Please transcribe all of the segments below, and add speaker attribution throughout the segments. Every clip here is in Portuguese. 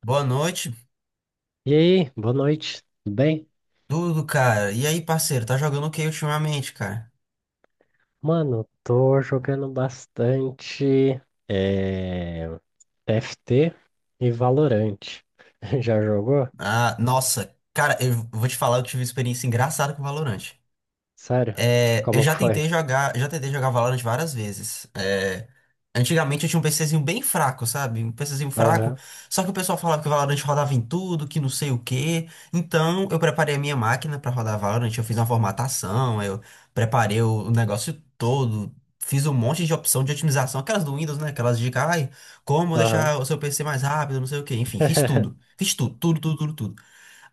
Speaker 1: Boa noite,
Speaker 2: E aí, boa noite, tudo bem?
Speaker 1: tudo, cara. E aí, parceiro, tá jogando o que ultimamente, cara?
Speaker 2: Mano, tô jogando bastante eh, TFT e Valorant. Já jogou?
Speaker 1: Ah, nossa, cara, eu vou te falar, eu tive uma experiência engraçada com o Valorant.
Speaker 2: Sério?
Speaker 1: É, eu
Speaker 2: Como que foi?
Speaker 1: já tentei jogar Valorant várias vezes. É, antigamente eu tinha um PCzinho bem fraco, sabe? Um PCzinho fraco.
Speaker 2: Aham,
Speaker 1: Só que o pessoal falava que o Valorant rodava em tudo, que não sei o quê. Então eu preparei a minha máquina pra rodar Valorant, eu fiz uma formatação, eu preparei o negócio todo, fiz um monte de opção de otimização, aquelas do Windows, né? Aquelas de, ai, como
Speaker 2: aham.
Speaker 1: deixar o seu PC mais rápido, não sei o quê. Enfim, fiz tudo. Fiz tudo, tudo, tudo, tudo, tudo.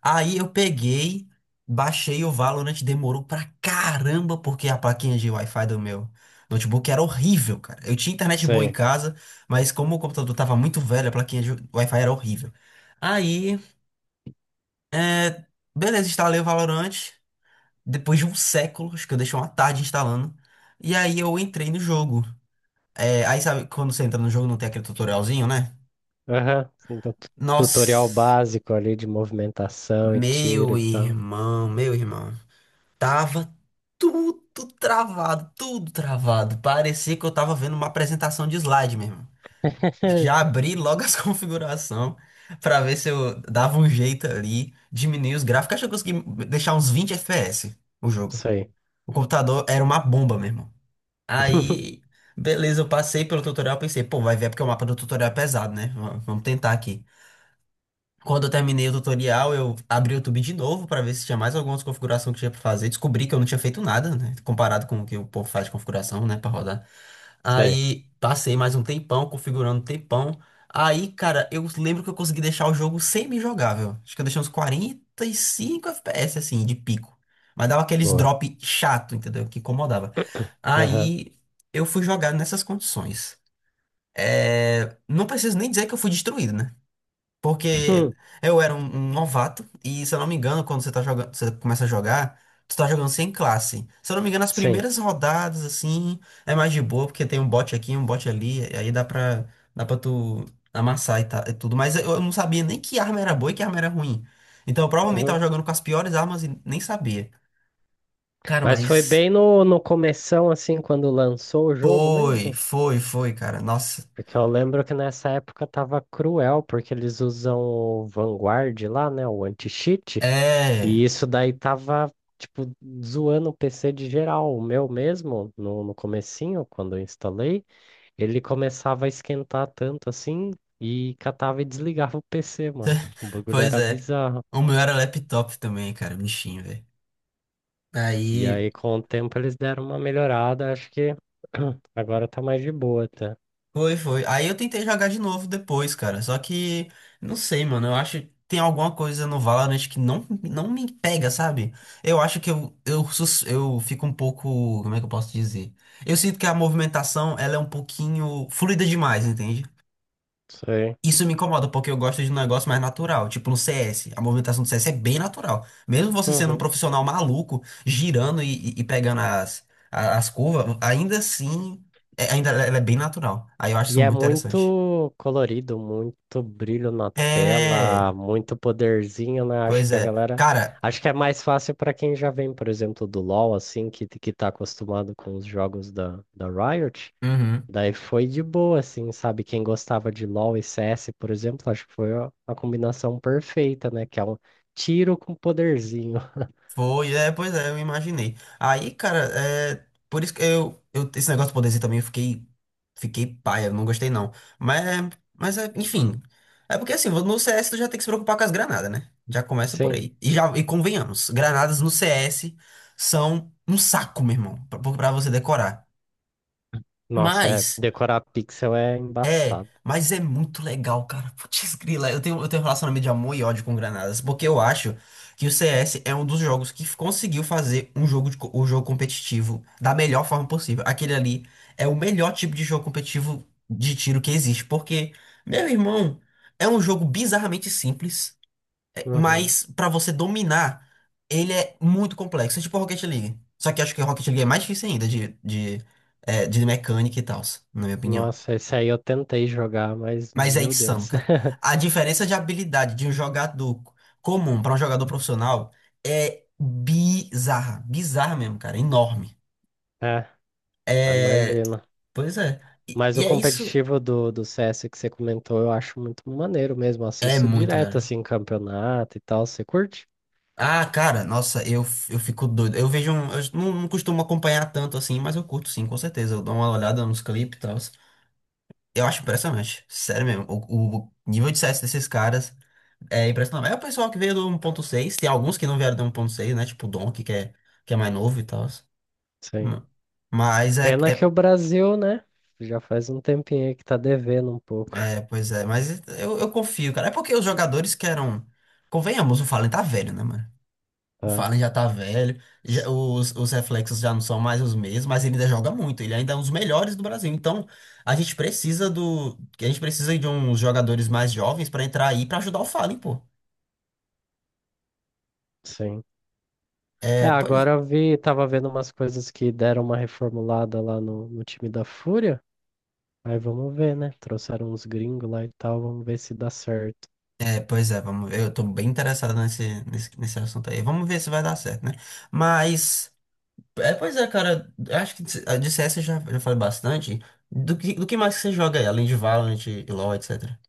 Speaker 1: Aí eu peguei, baixei o Valorant, demorou pra caramba, porque a plaquinha de Wi-Fi do meu notebook era horrível, cara. Eu tinha internet boa em
Speaker 2: Sei.
Speaker 1: casa, mas como o computador tava muito velho, a plaquinha de Wi-Fi era horrível. Aí, é, beleza, instalei o Valorant, depois de um século, acho que eu deixei uma tarde instalando. E aí eu entrei no jogo. É, aí sabe, quando você entra no jogo não tem aquele tutorialzinho, né?
Speaker 2: Aham. Tu- Tutorial
Speaker 1: Nossa,
Speaker 2: básico ali de movimentação e tiro
Speaker 1: meu
Speaker 2: e tal.
Speaker 1: irmão, meu irmão. Tava tudo travado, tudo travado. Parecia que eu tava vendo uma apresentação de slide mesmo. Já abri logo as configurações pra ver se eu dava um jeito ali, diminuir os gráficos. Acho que eu consegui deixar uns 20 FPS o jogo.
Speaker 2: Sei.
Speaker 1: O computador era uma bomba mesmo. Aí, beleza, eu passei pelo tutorial, pensei, pô, vai ver porque o mapa do tutorial é pesado, né? Vamos tentar aqui. Quando eu terminei o tutorial, eu abri o YouTube de novo para ver se tinha mais algumas configurações que tinha para fazer. Descobri que eu não tinha feito nada, né? Comparado com o que o povo faz de configuração, né, para rodar.
Speaker 2: Sei.
Speaker 1: Aí passei mais um tempão configurando um tempão. Aí, cara, eu lembro que eu consegui deixar o jogo semi-jogável. Acho que eu deixei uns 45 FPS assim de pico. Mas dava aqueles
Speaker 2: Boa.
Speaker 1: drop chato, entendeu? Que incomodava.
Speaker 2: Aham.
Speaker 1: Aí eu fui jogar nessas condições. É, não preciso nem dizer que eu fui destruído, né? Porque
Speaker 2: Hum.
Speaker 1: eu era um novato, e se eu não me engano, quando você tá jogando, você começa a jogar, tu tá jogando sem classe. Se eu não me engano, as
Speaker 2: Sim.
Speaker 1: primeiras rodadas, assim, é mais de boa, porque tem um bot aqui, um bot ali, e aí dá pra tu amassar e, tá, e tudo. Mas eu não sabia nem que arma era boa e que arma era ruim. Então eu provavelmente tava
Speaker 2: Aham.
Speaker 1: jogando com as piores armas e nem sabia. Cara,
Speaker 2: Mas foi
Speaker 1: mas
Speaker 2: bem no começão, assim, quando lançou o jogo
Speaker 1: foi,
Speaker 2: mesmo?
Speaker 1: foi, foi, cara. Nossa.
Speaker 2: Porque eu lembro que nessa época tava cruel, porque eles usam o Vanguard lá, né? O anti-cheat. E
Speaker 1: É.
Speaker 2: isso daí tava, tipo, zoando o PC de geral. O meu mesmo, no comecinho, quando eu instalei, ele começava a esquentar tanto assim e catava e desligava o PC, mano. O bagulho
Speaker 1: Pois
Speaker 2: era
Speaker 1: é.
Speaker 2: bizarro.
Speaker 1: O meu era laptop também, cara, bichinho, velho.
Speaker 2: E
Speaker 1: Aí.
Speaker 2: aí, com o tempo, eles deram uma melhorada. Acho que agora tá mais de boa, tá?
Speaker 1: Foi, foi. Aí eu tentei jogar de novo depois, cara. Só que, não sei, mano. Eu acho que tem alguma coisa no Valorant que não me pega, sabe? Eu acho que eu fico um pouco. Como é que eu posso dizer? Eu sinto que a movimentação, ela é um pouquinho fluida demais, entende?
Speaker 2: Sei.
Speaker 1: Isso me incomoda, porque eu gosto de um negócio mais natural. Tipo no CS. A movimentação do CS é bem natural. Mesmo você sendo um profissional maluco, girando e pegando as curvas, ainda assim, ainda ela é bem natural. Aí eu acho isso
Speaker 2: E é
Speaker 1: muito interessante.
Speaker 2: muito colorido, muito brilho na
Speaker 1: É,
Speaker 2: tela, muito poderzinho, né? Acho
Speaker 1: pois
Speaker 2: que a
Speaker 1: é.
Speaker 2: galera.
Speaker 1: Cara,
Speaker 2: Acho que é mais fácil para quem já vem, por exemplo, do LoL, assim, que tá acostumado com os jogos da Riot.
Speaker 1: uhum,
Speaker 2: Daí foi de boa, assim, sabe? Quem gostava de LoL e CS, por exemplo, acho que foi a combinação perfeita, né? Que é um tiro com poderzinho.
Speaker 1: foi, é, pois é, eu imaginei. Aí, cara, é, por isso que esse negócio do poderzinho também eu fiquei paia, não gostei não. Mas, mas é, enfim, é porque assim, no CS tu já tem que se preocupar com as granadas, né? Já começa por
Speaker 2: Sim.
Speaker 1: aí. E já, e convenhamos, granadas no CS são um saco, meu irmão, pra você decorar.
Speaker 2: Nossa, é.
Speaker 1: Mas,
Speaker 2: Decorar pixel é
Speaker 1: é,
Speaker 2: embaçado.
Speaker 1: mas é muito legal, cara. Putz, grila, eu tenho um relacionamento de amor e ódio com Granadas, porque eu acho que o CS é um dos jogos que conseguiu fazer um jogo competitivo da melhor forma possível. Aquele ali é o melhor tipo de jogo competitivo de tiro que existe, porque, meu irmão, é um jogo bizarramente simples, é,
Speaker 2: Uhum.
Speaker 1: mas pra você dominar, ele é muito complexo. É tipo Rocket League. Só que acho que Rocket League é mais difícil ainda de mecânica e tal, na minha opinião.
Speaker 2: Nossa, esse aí eu tentei jogar, mas
Speaker 1: Mas é
Speaker 2: meu
Speaker 1: insano,
Speaker 2: Deus.
Speaker 1: cara. A diferença de habilidade de um jogador comum para um jogador profissional é bizarra. Bizarra mesmo, cara. Enorme.
Speaker 2: É, eu
Speaker 1: É.
Speaker 2: imagino.
Speaker 1: Pois é. E,
Speaker 2: Mas o
Speaker 1: e é isso.
Speaker 2: competitivo do CS que você comentou, eu acho muito maneiro mesmo.
Speaker 1: É
Speaker 2: Assisto
Speaker 1: muito,
Speaker 2: direto,
Speaker 1: cara.
Speaker 2: assim, campeonato e tal. Você curte?
Speaker 1: Ah, cara, nossa, eu fico doido. Eu vejo um. Eu não costumo acompanhar tanto assim, mas eu curto sim, com certeza. Eu dou uma olhada nos clipes e tal. Eu acho impressionante. Sério mesmo. O nível de CS desses caras. É impressionante. É o pessoal que veio do 1.6. Tem alguns que não vieram do 1.6, né? Tipo o Donkey, que é mais novo e tal.
Speaker 2: Sim.
Speaker 1: Hum. Mas é,
Speaker 2: Pena que o
Speaker 1: é,
Speaker 2: Brasil, né? Já faz um tempinho aí que tá devendo um pouco.
Speaker 1: é, Pois é. Mas eu confio, cara. É porque os jogadores que eram. Convenhamos, o Fallen tá velho, né, mano? O
Speaker 2: Tá.
Speaker 1: Fallen já tá velho. já-
Speaker 2: S-
Speaker 1: os, os reflexos já não são mais os mesmos. Mas ele ainda joga muito. Ele ainda é um dos melhores do Brasil. Então a gente precisa do. A gente precisa de uns jogadores mais jovens pra entrar aí pra ajudar o Fallen, pô.
Speaker 2: Sim. É,
Speaker 1: É, pois
Speaker 2: agora eu vi, tava vendo umas coisas que deram uma reformulada lá no time da Fúria. Aí vamos ver, né? Trouxeram uns gringos lá e tal, vamos ver se dá certo.
Speaker 1: Pois é, vamos ver. Eu tô bem interessado nesse assunto aí. Vamos ver se vai dar certo, né? Mas, é, pois é, cara. Acho que de CS eu já falei bastante. Do que mais que você joga aí, além de Valorant e LoL, etc.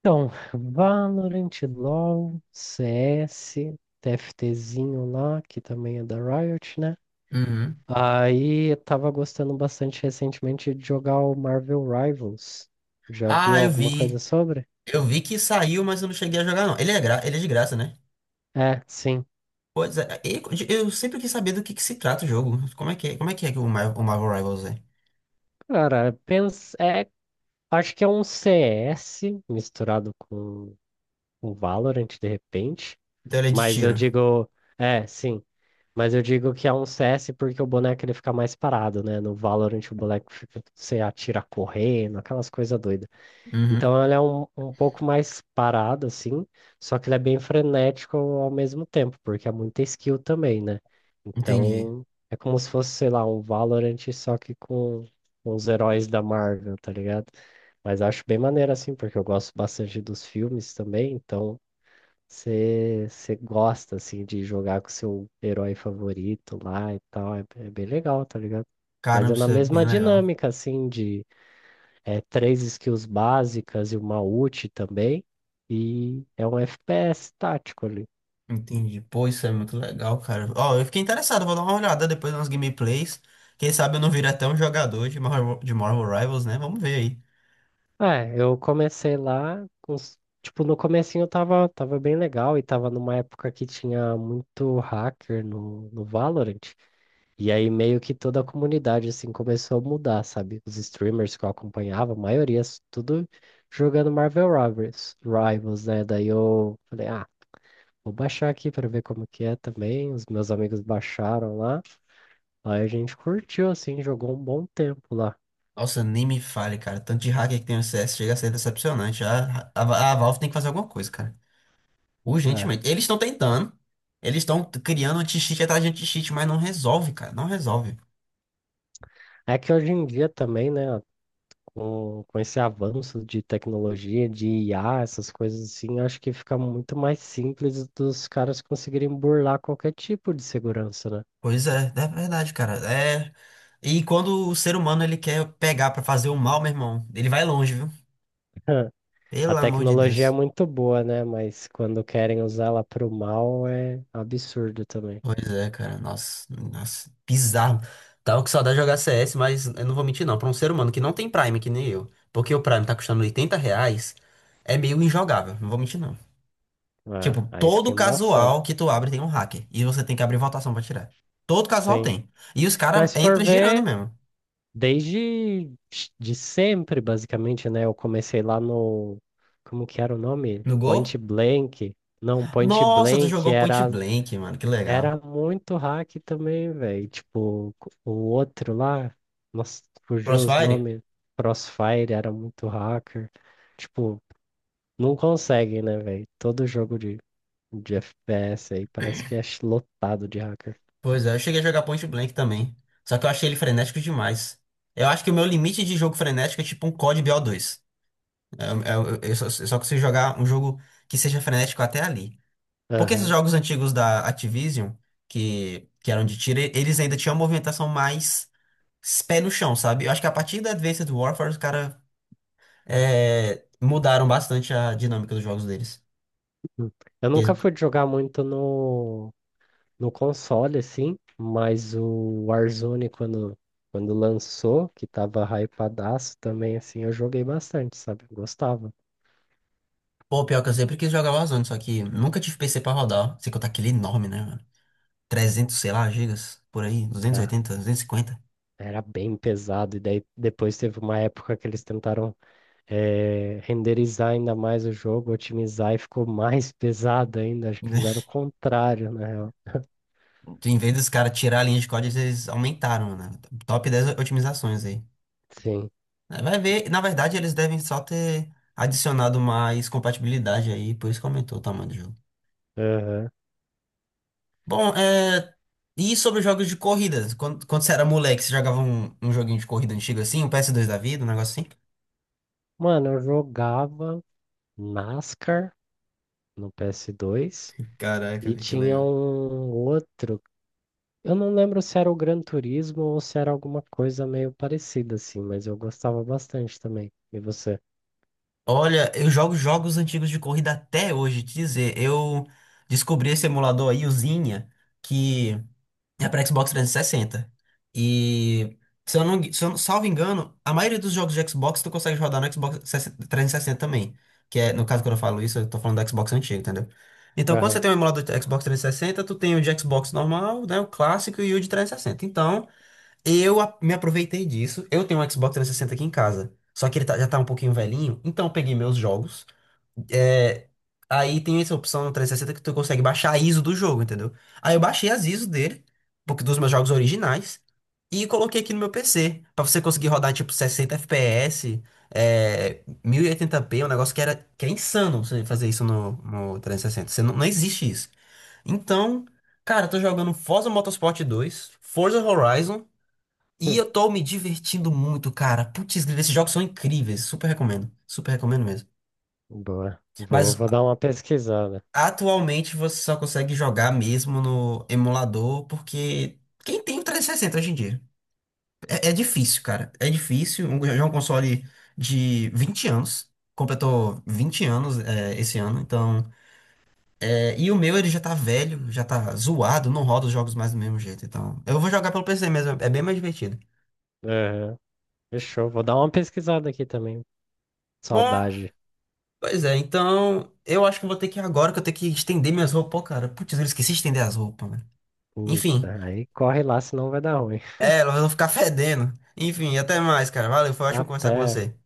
Speaker 2: Então, Valorant, LoL, CS, TFTzinho lá, que também é da Riot, né?
Speaker 1: Uhum.
Speaker 2: Aí eu tava gostando bastante recentemente de jogar o Marvel Rivals. Já viu
Speaker 1: Ah, eu
Speaker 2: alguma coisa
Speaker 1: vi.
Speaker 2: sobre?
Speaker 1: Eu vi que saiu, mas eu não cheguei a jogar, não. Ele é, gra... Ele é de graça, né?
Speaker 2: É, sim.
Speaker 1: Pois é. E eu sempre quis saber do que se trata o jogo. Como é que é, como é que o, o Marvel Rivals é?
Speaker 2: Cara, pensa, acho que é um CS misturado com o Valorant de repente,
Speaker 1: Então ele é de
Speaker 2: mas eu
Speaker 1: tiro.
Speaker 2: digo, é, sim. Mas eu digo que é um CS porque o boneco ele fica mais parado, né? No Valorant o boneco fica, você atira correndo, aquelas coisas doidas.
Speaker 1: Uhum.
Speaker 2: Então ele é um pouco mais parado, assim, só que ele é bem frenético ao mesmo tempo, porque é muita skill também, né?
Speaker 1: Entendi.
Speaker 2: Então é como se fosse, sei lá, um Valorant só que com os heróis da Marvel, tá ligado? Mas acho bem maneiro, assim, porque eu gosto bastante dos filmes também, então você gosta, assim, de jogar com seu herói favorito lá e tal. É, é bem legal, tá ligado? Mas é
Speaker 1: Caramba,
Speaker 2: na
Speaker 1: isso é bem
Speaker 2: mesma
Speaker 1: legal.
Speaker 2: dinâmica, assim, de três skills básicas e uma ult também. E é um FPS tático ali.
Speaker 1: Entendi. Pô, isso é muito legal, cara. Ó, eu fiquei interessado, vou dar uma olhada depois nas gameplays. Quem sabe eu não vire até um jogador de Marvel Rivals, né? Vamos ver aí.
Speaker 2: É, eu comecei lá com... Tipo, no comecinho eu tava bem legal e tava numa época que tinha muito hacker no Valorant. E aí meio que toda a comunidade assim começou a mudar, sabe? Os streamers que eu acompanhava, a maioria tudo jogando Marvel Rivals, Rivals, né? Daí eu falei, ah, vou baixar aqui pra ver como que é também. Os meus amigos baixaram lá. Aí a gente curtiu assim, jogou um bom tempo lá.
Speaker 1: Nossa, nem me fale, cara. Tanto de hacker que tem no CS chega a ser decepcionante. A Valve tem que fazer alguma coisa, cara. Urgentemente. Eles estão tentando. Eles estão criando anti-cheat atrás de anti-cheat, mas não resolve, cara. Não resolve.
Speaker 2: É, é que hoje em dia também, né, com esse avanço de tecnologia, de IA, essas coisas assim, acho que fica muito mais simples dos caras conseguirem burlar qualquer tipo de segurança, né?
Speaker 1: Pois é, é verdade, cara. É. E quando o ser humano ele quer pegar pra fazer o mal, meu irmão, ele vai longe, viu?
Speaker 2: A
Speaker 1: Pelo amor de
Speaker 2: tecnologia é
Speaker 1: Deus.
Speaker 2: muito boa, né? Mas quando querem usá-la para o mal é absurdo também.
Speaker 1: Pois é, cara. Nossa, nossa, bizarro. Tava com saudade de jogar CS, mas eu não vou mentir, não. Pra um ser humano que não tem Prime, que nem eu, porque o Prime tá custando R$ 80, é meio injogável. Não vou mentir, não.
Speaker 2: Ah,
Speaker 1: Tipo,
Speaker 2: aí fica
Speaker 1: todo
Speaker 2: embaçado.
Speaker 1: casual que tu abre tem um hacker. E você tem que abrir votação pra tirar. Todo casual
Speaker 2: Sim.
Speaker 1: tem. E os caras
Speaker 2: Mas se for
Speaker 1: entram girando
Speaker 2: ver,
Speaker 1: mesmo.
Speaker 2: desde de sempre, basicamente, né? Eu comecei lá no. Como que era o nome?
Speaker 1: No gol?
Speaker 2: Point Blank. Não, Point
Speaker 1: Nossa, tu
Speaker 2: Blank
Speaker 1: jogou Point
Speaker 2: era,
Speaker 1: Blank, mano. Que legal.
Speaker 2: era muito hack também, velho. Tipo, o outro lá, nossa, fugiu os
Speaker 1: Crossfire?
Speaker 2: nomes. Crossfire era muito hacker. Tipo, não conseguem, né, velho? Todo jogo de FPS aí parece que é lotado de hacker.
Speaker 1: Pois é, eu cheguei a jogar Point Blank também. Só que eu achei ele frenético demais. Eu acho que o meu limite de jogo frenético é tipo um COD BO 2. É, é só que você jogar um jogo que seja frenético até ali. Porque esses
Speaker 2: Aham.
Speaker 1: jogos antigos da Activision, que eram de tiro, eles ainda tinham uma movimentação mais pé no chão, sabe? Eu acho que a partir da Advanced Warfare, os caras mudaram bastante a dinâmica dos jogos deles.
Speaker 2: Hum. Eu
Speaker 1: Porque
Speaker 2: nunca
Speaker 1: eles-
Speaker 2: fui jogar muito no console, assim, mas o Warzone, quando lançou, que tava hypadaço também, assim, eu joguei bastante, sabe? Gostava.
Speaker 1: Pô, pior que eu sempre quis jogar Warzone, só que nunca tive PC pra rodar. Sei que eu tá aquele enorme, né, mano? 300, sei lá, gigas, por aí, duzentos duzentos e
Speaker 2: Era,
Speaker 1: oitenta duzentos e cinquenta.
Speaker 2: era bem pesado, e daí depois teve uma época que eles tentaram renderizar ainda mais o jogo, otimizar, e ficou mais pesado ainda. Acho que fizeram o contrário, né?
Speaker 1: Em vez dos caras tirar a linha de código, eles aumentaram, né? Top 10 otimizações aí.
Speaker 2: Sim.
Speaker 1: É, vai ver, na verdade eles devem só ter adicionado mais compatibilidade aí, por isso que aumentou o tamanho do jogo.
Speaker 2: Aham.
Speaker 1: Bom, e sobre jogos de corrida? Quando você era moleque, você jogava um joguinho de corrida antigo assim, um PS2 da vida, um negócio assim?
Speaker 2: Mano, eu jogava NASCAR no PS2
Speaker 1: Caraca,
Speaker 2: e
Speaker 1: velho, que
Speaker 2: tinha
Speaker 1: legal.
Speaker 2: um outro. Eu não lembro se era o Gran Turismo ou se era alguma coisa meio parecida assim, mas eu gostava bastante também. E você?
Speaker 1: Olha, eu jogo jogos antigos de corrida até hoje, te dizer. Eu descobri esse emulador aí, o Zinha, que é para Xbox 360. E sessenta. E se eu não, se eu, salvo engano, a maioria dos jogos de Xbox tu consegue rodar no Xbox 360 também. Que é, no caso, quando eu falo isso, eu tô falando do Xbox antigo, entendeu? Então, quando você
Speaker 2: Aham.
Speaker 1: tem um emulador de Xbox 360, tu tem o de Xbox normal, né, o clássico e o de 360. Então, me aproveitei disso. Eu tenho um Xbox 360 aqui em casa. Só que já tá um pouquinho velhinho, então eu peguei meus jogos. É, aí tem essa opção no 360 que tu consegue baixar a ISO do jogo, entendeu? Aí eu baixei as ISO dele, porque dos meus jogos originais, e coloquei aqui no meu PC, pra você conseguir rodar tipo 60 FPS, é, 1080p um negócio que era que é insano você fazer isso no 360. Você não existe isso. Então, cara, eu tô jogando Forza Motorsport 2, Forza Horizon, e
Speaker 2: Hum.
Speaker 1: eu tô me divertindo muito, cara. Putz, grila, esses jogos são incríveis, super recomendo mesmo.
Speaker 2: Boa. Vou,
Speaker 1: Mas
Speaker 2: vou dar uma pesquisada.
Speaker 1: atualmente você só consegue jogar mesmo no emulador, porque quem tem o 360 hoje em dia? É, é difícil, cara. É difícil. Um, já é um console de 20 anos. Completou 20 anos é, esse ano, então. É, e o meu ele já tá velho, já tá zoado, não roda os jogos mais do mesmo jeito. Então, eu vou jogar pelo PC mesmo, é bem mais divertido.
Speaker 2: Aham. Fechou. Vou dar uma pesquisada aqui também.
Speaker 1: Bom,
Speaker 2: Saudade.
Speaker 1: pois é, então eu acho que eu vou ter que ir agora que eu tenho que estender minhas roupas. Pô, cara, putz, eu esqueci de estender as roupas, mano. Enfim,
Speaker 2: Puta, aí corre lá, senão vai dar ruim.
Speaker 1: é, elas vão ficar fedendo. Enfim, até mais, cara. Valeu, foi ótimo conversar com
Speaker 2: Até.
Speaker 1: você.